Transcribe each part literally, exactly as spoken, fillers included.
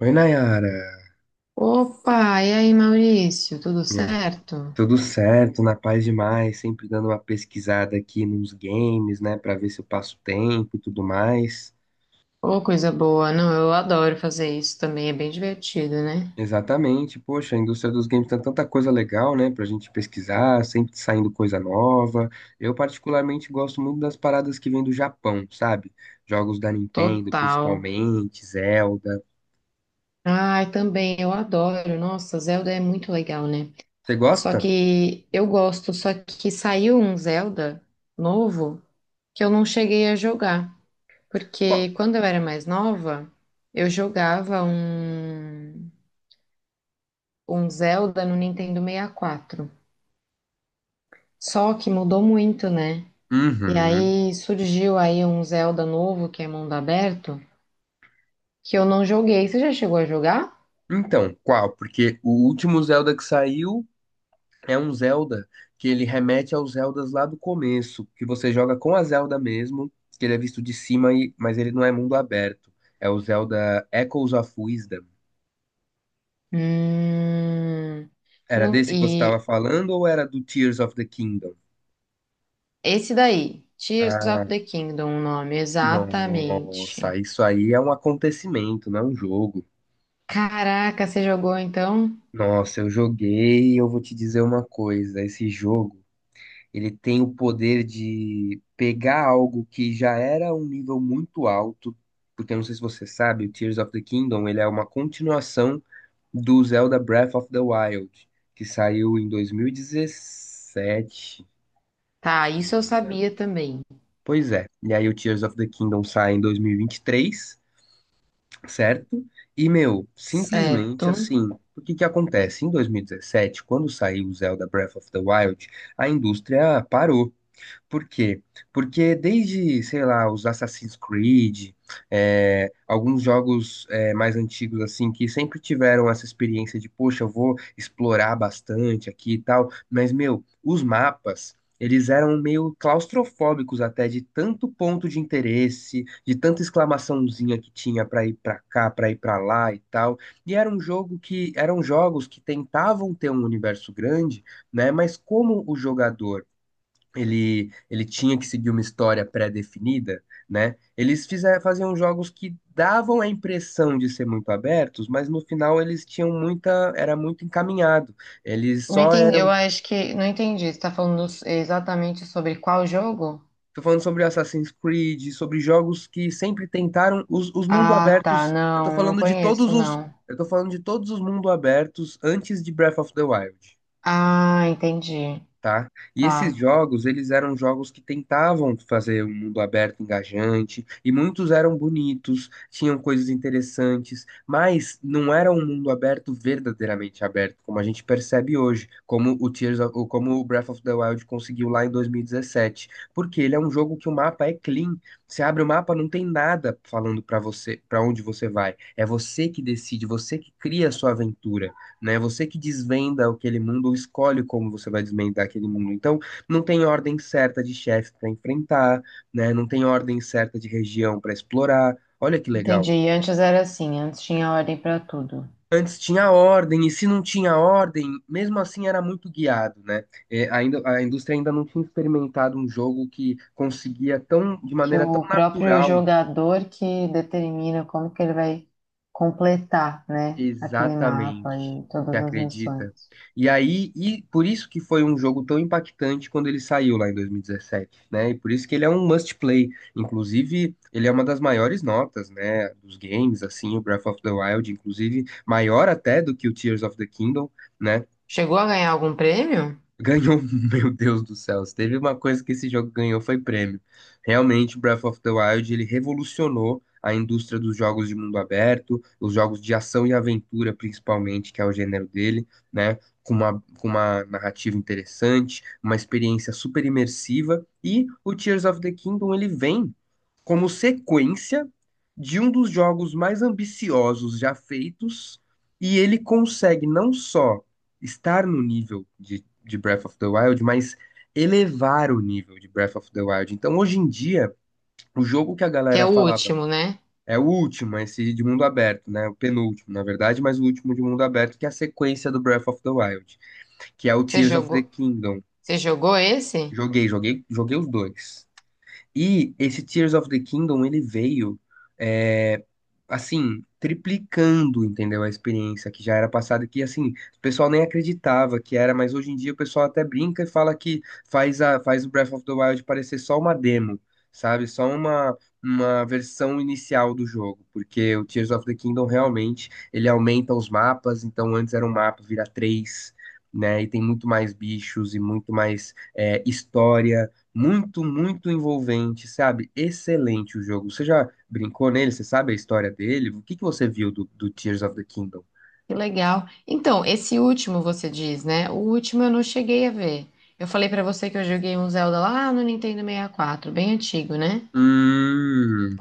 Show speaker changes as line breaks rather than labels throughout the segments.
Oi, Nayara.
Opa, e aí, Maurício, tudo
E aí?
certo?
Tudo certo, na paz demais, sempre dando uma pesquisada aqui nos games, né, pra ver se eu passo tempo e tudo mais.
Ô, coisa boa. Não, eu adoro fazer isso também, é bem divertido, né?
Exatamente, poxa, a indústria dos games tem tanta coisa legal, né, pra gente pesquisar, sempre saindo coisa nova. Eu particularmente gosto muito das paradas que vêm do Japão, sabe? Jogos da Nintendo,
Total.
principalmente, Zelda.
Ai, também, eu adoro. Nossa, Zelda é muito legal, né?
Você
Só
gosta?
que eu gosto, só que saiu um Zelda novo que eu não cheguei a jogar.
Qual?
Porque quando eu era mais nova, eu jogava um, um Zelda no Nintendo sessenta e quatro. Só que mudou muito, né? E
Uhum.
aí surgiu aí um Zelda novo, que é mundo aberto, que eu não joguei. Você já chegou a jogar?
Então, qual? Porque o último Zelda que saiu, é um Zelda que ele remete aos Zeldas lá do começo, que você joga com a Zelda mesmo, que ele é visto de cima, e, mas ele não é mundo aberto. É o Zelda Echoes of Wisdom.
Hum,
Era
não-
desse que você estava
e
falando ou era do Tears of the Kingdom?
esse daí, Tears of
Ah,
the Kingdom, o nome,
nossa,
exatamente.
isso aí é um acontecimento, não é um jogo.
Caraca, você jogou então?
Nossa, eu joguei e eu vou te dizer uma coisa, esse jogo, ele tem o poder de pegar algo que já era um nível muito alto, porque eu não sei se você sabe, o Tears of the Kingdom, ele é uma continuação do Zelda Breath of the Wild, que saiu em dois mil e dezessete,
Tá,
se não
isso eu
me engano.
sabia também.
Pois é, e aí o Tears of the Kingdom sai em dois mil e vinte e três, certo? E, meu,
Certo.
simplesmente assim, o que que acontece? Em dois mil e dezessete, quando saiu o Zelda Breath of the Wild, a indústria parou. Por quê? Porque desde, sei lá, os Assassin's Creed, é, alguns jogos é, mais antigos, assim, que sempre tiveram essa experiência de, poxa, eu vou explorar bastante aqui e tal, mas, meu, os mapas. Eles eram meio claustrofóbicos até, de tanto ponto de interesse, de tanta exclamaçãozinha que tinha pra ir pra cá, pra ir pra lá e tal. E era um jogo que eram jogos que tentavam ter um universo grande, né? Mas como o jogador ele, ele tinha que seguir uma história pré-definida, né? Eles fizer, faziam jogos que davam a impressão de ser muito abertos, mas no final eles tinham muita, era muito encaminhado. Eles
Não
só
entendi, eu
eram,
acho que não entendi. Você tá falando exatamente sobre qual jogo?
tô falando sobre Assassin's Creed, sobre jogos que sempre tentaram os, os mundos
Ah, tá,
abertos. Eu tô
não, não
falando de todos
conheço,
os,
não.
eu tô falando de todos os mundos abertos antes de Breath of the Wild.
Ah, entendi.
Tá? E esses
Tá.
jogos, eles eram jogos que tentavam fazer um mundo aberto, engajante, e muitos eram bonitos, tinham coisas interessantes, mas não era um mundo aberto verdadeiramente aberto, como a gente percebe hoje, como o Tears of, ou como o Breath of the Wild conseguiu lá em dois mil e dezessete, porque ele é um jogo que o mapa é clean. Você abre o mapa, não tem nada falando pra você, para onde você vai. É você que decide, você que cria a sua aventura, né? Você que desvenda aquele mundo ou escolhe como você vai desvendar aquele mundo. Então, não tem ordem certa de chefe para enfrentar, né? Não tem ordem certa de região para explorar. Olha que legal.
Entendi. Antes era assim, antes tinha ordem para tudo.
Antes tinha ordem, e se não tinha ordem, mesmo assim era muito guiado, né? É, ainda, a indústria ainda não tinha experimentado um jogo que conseguia tão, de
Que
maneira tão
o próprio
natural.
jogador que determina como que ele vai completar, né, aquele mapa
Exatamente.
e
Você
todas as
acredita?
missões.
E aí, e por isso que foi um jogo tão impactante quando ele saiu lá em dois mil e dezessete, né? E por isso que ele é um must play. Inclusive, ele é uma das maiores notas, né, dos games, assim, o Breath of the Wild, inclusive maior até do que o Tears of the Kingdom, né?
Chegou a ganhar algum prêmio?
Ganhou, meu Deus do céu. Se teve uma coisa que esse jogo ganhou foi prêmio. Realmente, Breath of the Wild, ele revolucionou a indústria dos jogos de mundo aberto, os jogos de ação e aventura, principalmente, que é o gênero dele, né? Com uma, com uma narrativa interessante, uma experiência super imersiva. E o Tears of the Kingdom, ele vem como sequência de um dos jogos mais ambiciosos já feitos, e ele consegue não só estar no nível de, de Breath of the Wild, mas elevar o nível de Breath of the Wild. Então, hoje em dia, o jogo que a
Que é
galera
o
falava
último, né?
é o último, esse de mundo aberto, né? O penúltimo, na verdade, mas o último de mundo aberto, que é a sequência do Breath of the Wild, que é o
Você
Tears of the
jogou,
Kingdom.
você jogou esse?
Joguei, joguei, joguei os dois. E esse Tears of the Kingdom, ele veio, é, assim, triplicando, entendeu? A experiência que já era passada, que, assim, o pessoal nem acreditava que era, mas hoje em dia o pessoal até brinca e fala que faz, a, faz o Breath of the Wild parecer só uma demo, sabe? Só uma, uma versão inicial do jogo, porque o Tears of the Kingdom realmente, ele aumenta os mapas, então antes era um mapa, vira três, né? E tem muito mais bichos e muito mais é, história muito, muito envolvente, sabe? Excelente o jogo. Você já brincou nele? Você sabe a história dele? O que que você viu do, do Tears of the Kingdom?
Que legal. Então, esse último você diz, né? O último eu não cheguei a ver. Eu falei pra você que eu joguei um Zelda lá no Nintendo sessenta e quatro, bem antigo, né?
Hum,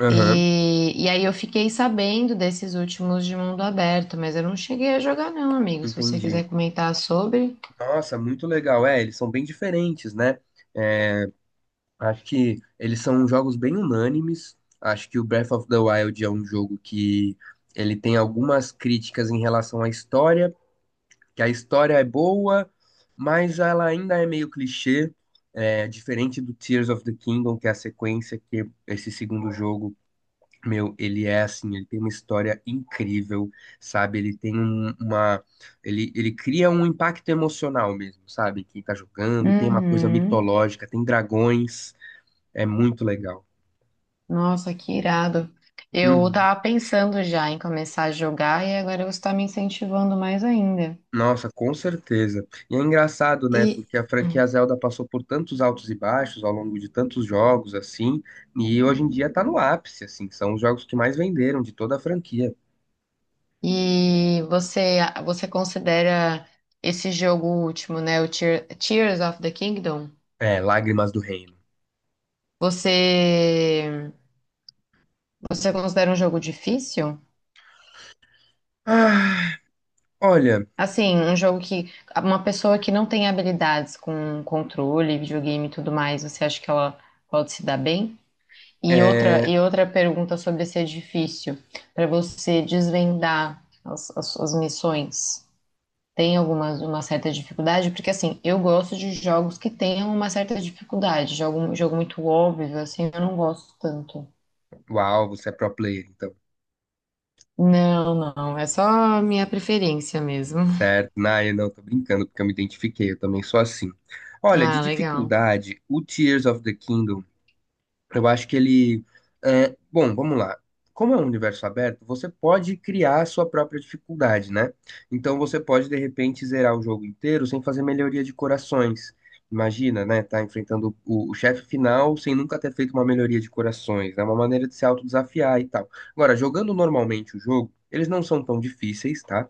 aham,
E, e aí eu fiquei sabendo desses últimos de mundo aberto, mas eu não cheguei a jogar não, amigo. Se você
entendi.
quiser comentar sobre.
Nossa, muito legal. É, eles são bem diferentes, né? É, acho que eles são jogos bem unânimes. Acho que o Breath of the Wild é um jogo que ele tem algumas críticas em relação à história, que a história é boa, mas ela ainda é meio clichê, é, diferente do Tears of the Kingdom, que é a sequência que esse segundo jogo, meu, ele é assim, ele tem uma história incrível, sabe? Ele tem um- uma, ele, ele cria um impacto emocional mesmo, sabe? Quem tá jogando, tem uma coisa
Uhum.
mitológica, tem dragões, é muito legal.
Nossa, que irado. Eu
Uhum.
tava pensando já em começar a jogar e agora você tá me incentivando mais ainda.
Nossa, com certeza. E é engraçado, né?
E,
Porque a franquia Zelda passou por tantos altos e baixos ao longo de tantos jogos, assim, e hoje em dia tá no ápice, assim, são os jogos que mais venderam de toda a franquia.
e você, você considera esse jogo último, né? O Tear- Tears of the Kingdom?
É, Lágrimas do Reino.
Você, você considera um jogo difícil?
Ah, olha,
Assim, um jogo que uma pessoa que não tem habilidades com controle, videogame e tudo mais, você acha que ela pode se dar bem? E outra,
é...
e outra pergunta sobre se é difícil para você desvendar as, as suas missões, tem alguma uma certa dificuldade? Porque assim, eu gosto de jogos que tenham uma certa dificuldade, jogo, jogo muito óbvio, assim, eu não gosto tanto.
Uau, você é pro player, então.
Não, não, é só minha preferência mesmo.
Certo, Naya, não, tô brincando, porque eu me identifiquei, eu também sou assim. Olha, de
Ah, legal.
dificuldade, o Tears of the Kingdom, eu acho que ele. É, bom, vamos lá. Como é um universo aberto, você pode criar a sua própria dificuldade, né? Então você pode, de repente, zerar o jogo inteiro sem fazer melhoria de corações. Imagina, né? Tá enfrentando o, o chefe final sem nunca ter feito uma melhoria de corações. É uma maneira de se autodesafiar e tal. Agora, jogando normalmente o jogo, eles não são tão difíceis, tá?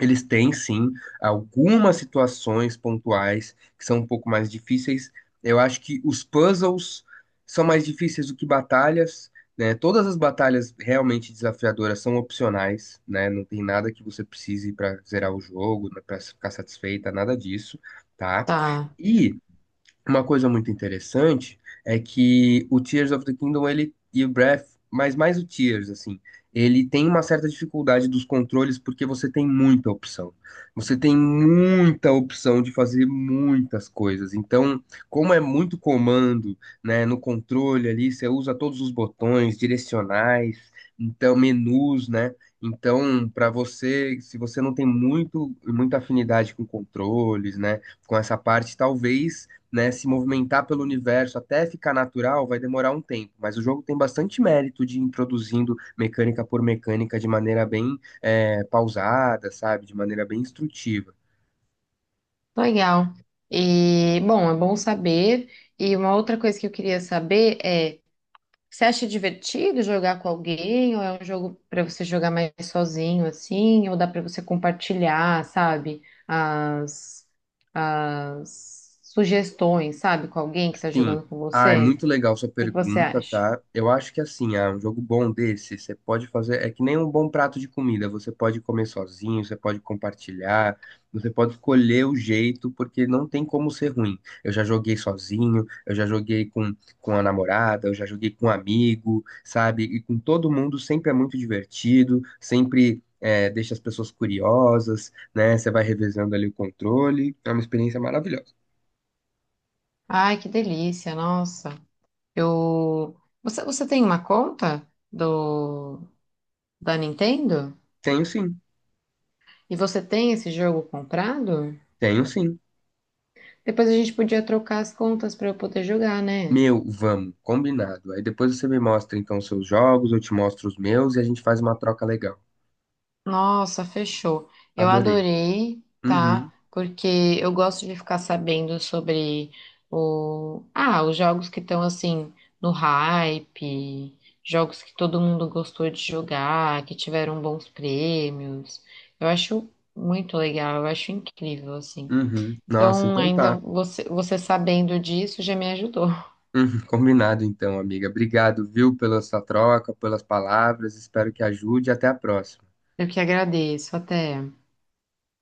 Eles têm, sim, algumas situações pontuais que são um pouco mais difíceis. Eu acho que os puzzles são mais difíceis do que batalhas, né? Todas as batalhas realmente desafiadoras são opcionais, né? Não tem nada que você precise para zerar o jogo, para ficar satisfeita, nada disso, tá?
Tá.
E uma coisa muito interessante é que o Tears of the Kingdom ele e o Breath, mas mais o Tears assim, ele tem uma certa dificuldade dos controles porque você tem muita opção. Você tem muita opção de fazer muitas coisas. Então, como é muito comando, né, no controle ali, você usa todos os botões direcionais, então menus, né? Então, para você, se você não tem muito muita afinidade com controles, né, com essa parte, talvez, né, se movimentar pelo universo até ficar natural vai demorar um tempo, mas o jogo tem bastante mérito de ir introduzindo mecânica por mecânica de maneira bem é, pausada, sabe? De maneira bem instrutiva.
Legal. E, bom, é bom saber. E uma outra coisa que eu queria saber é, você acha divertido jogar com alguém ou é um jogo para você jogar mais sozinho assim, ou dá para você compartilhar, sabe, as as sugestões, sabe, com alguém que tá
Sim.
jogando com
Ah, é
você?
muito legal sua
O que que você
pergunta,
acha?
tá? Eu acho que assim, ah, um jogo bom desse, você pode fazer, é que nem um bom prato de comida, você pode comer sozinho, você pode compartilhar, você pode escolher o jeito, porque não tem como ser ruim. Eu já joguei sozinho, eu já joguei com, com a namorada, eu já joguei com um amigo, sabe? E com todo mundo sempre é muito divertido, sempre é, deixa as pessoas curiosas, né? Você vai revezando ali o controle, é uma experiência maravilhosa.
Ai, que delícia, nossa. Eu Você você tem uma conta do da Nintendo?
Tenho sim,
E você tem esse jogo comprado?
tenho sim.
Depois a gente podia trocar as contas para eu poder jogar, né?
Meu, vamos, combinado. Aí depois você me mostra então os seus jogos, eu te mostro os meus e a gente faz uma troca legal.
Nossa, fechou. Eu
Adorei.
adorei,
Uhum,
tá? Porque eu gosto de ficar sabendo sobre o... ah, os jogos que estão assim no hype, jogos que todo mundo gostou de jogar, que tiveram bons prêmios. Eu acho muito legal, eu acho incrível assim.
uhum. Nossa,
Então,
então
ainda
tá.
você, você sabendo disso já me ajudou.
Uhum, combinado então, amiga. Obrigado, viu, pela sua troca, pelas palavras. Espero que ajude. Até a próxima.
Eu que agradeço. Até.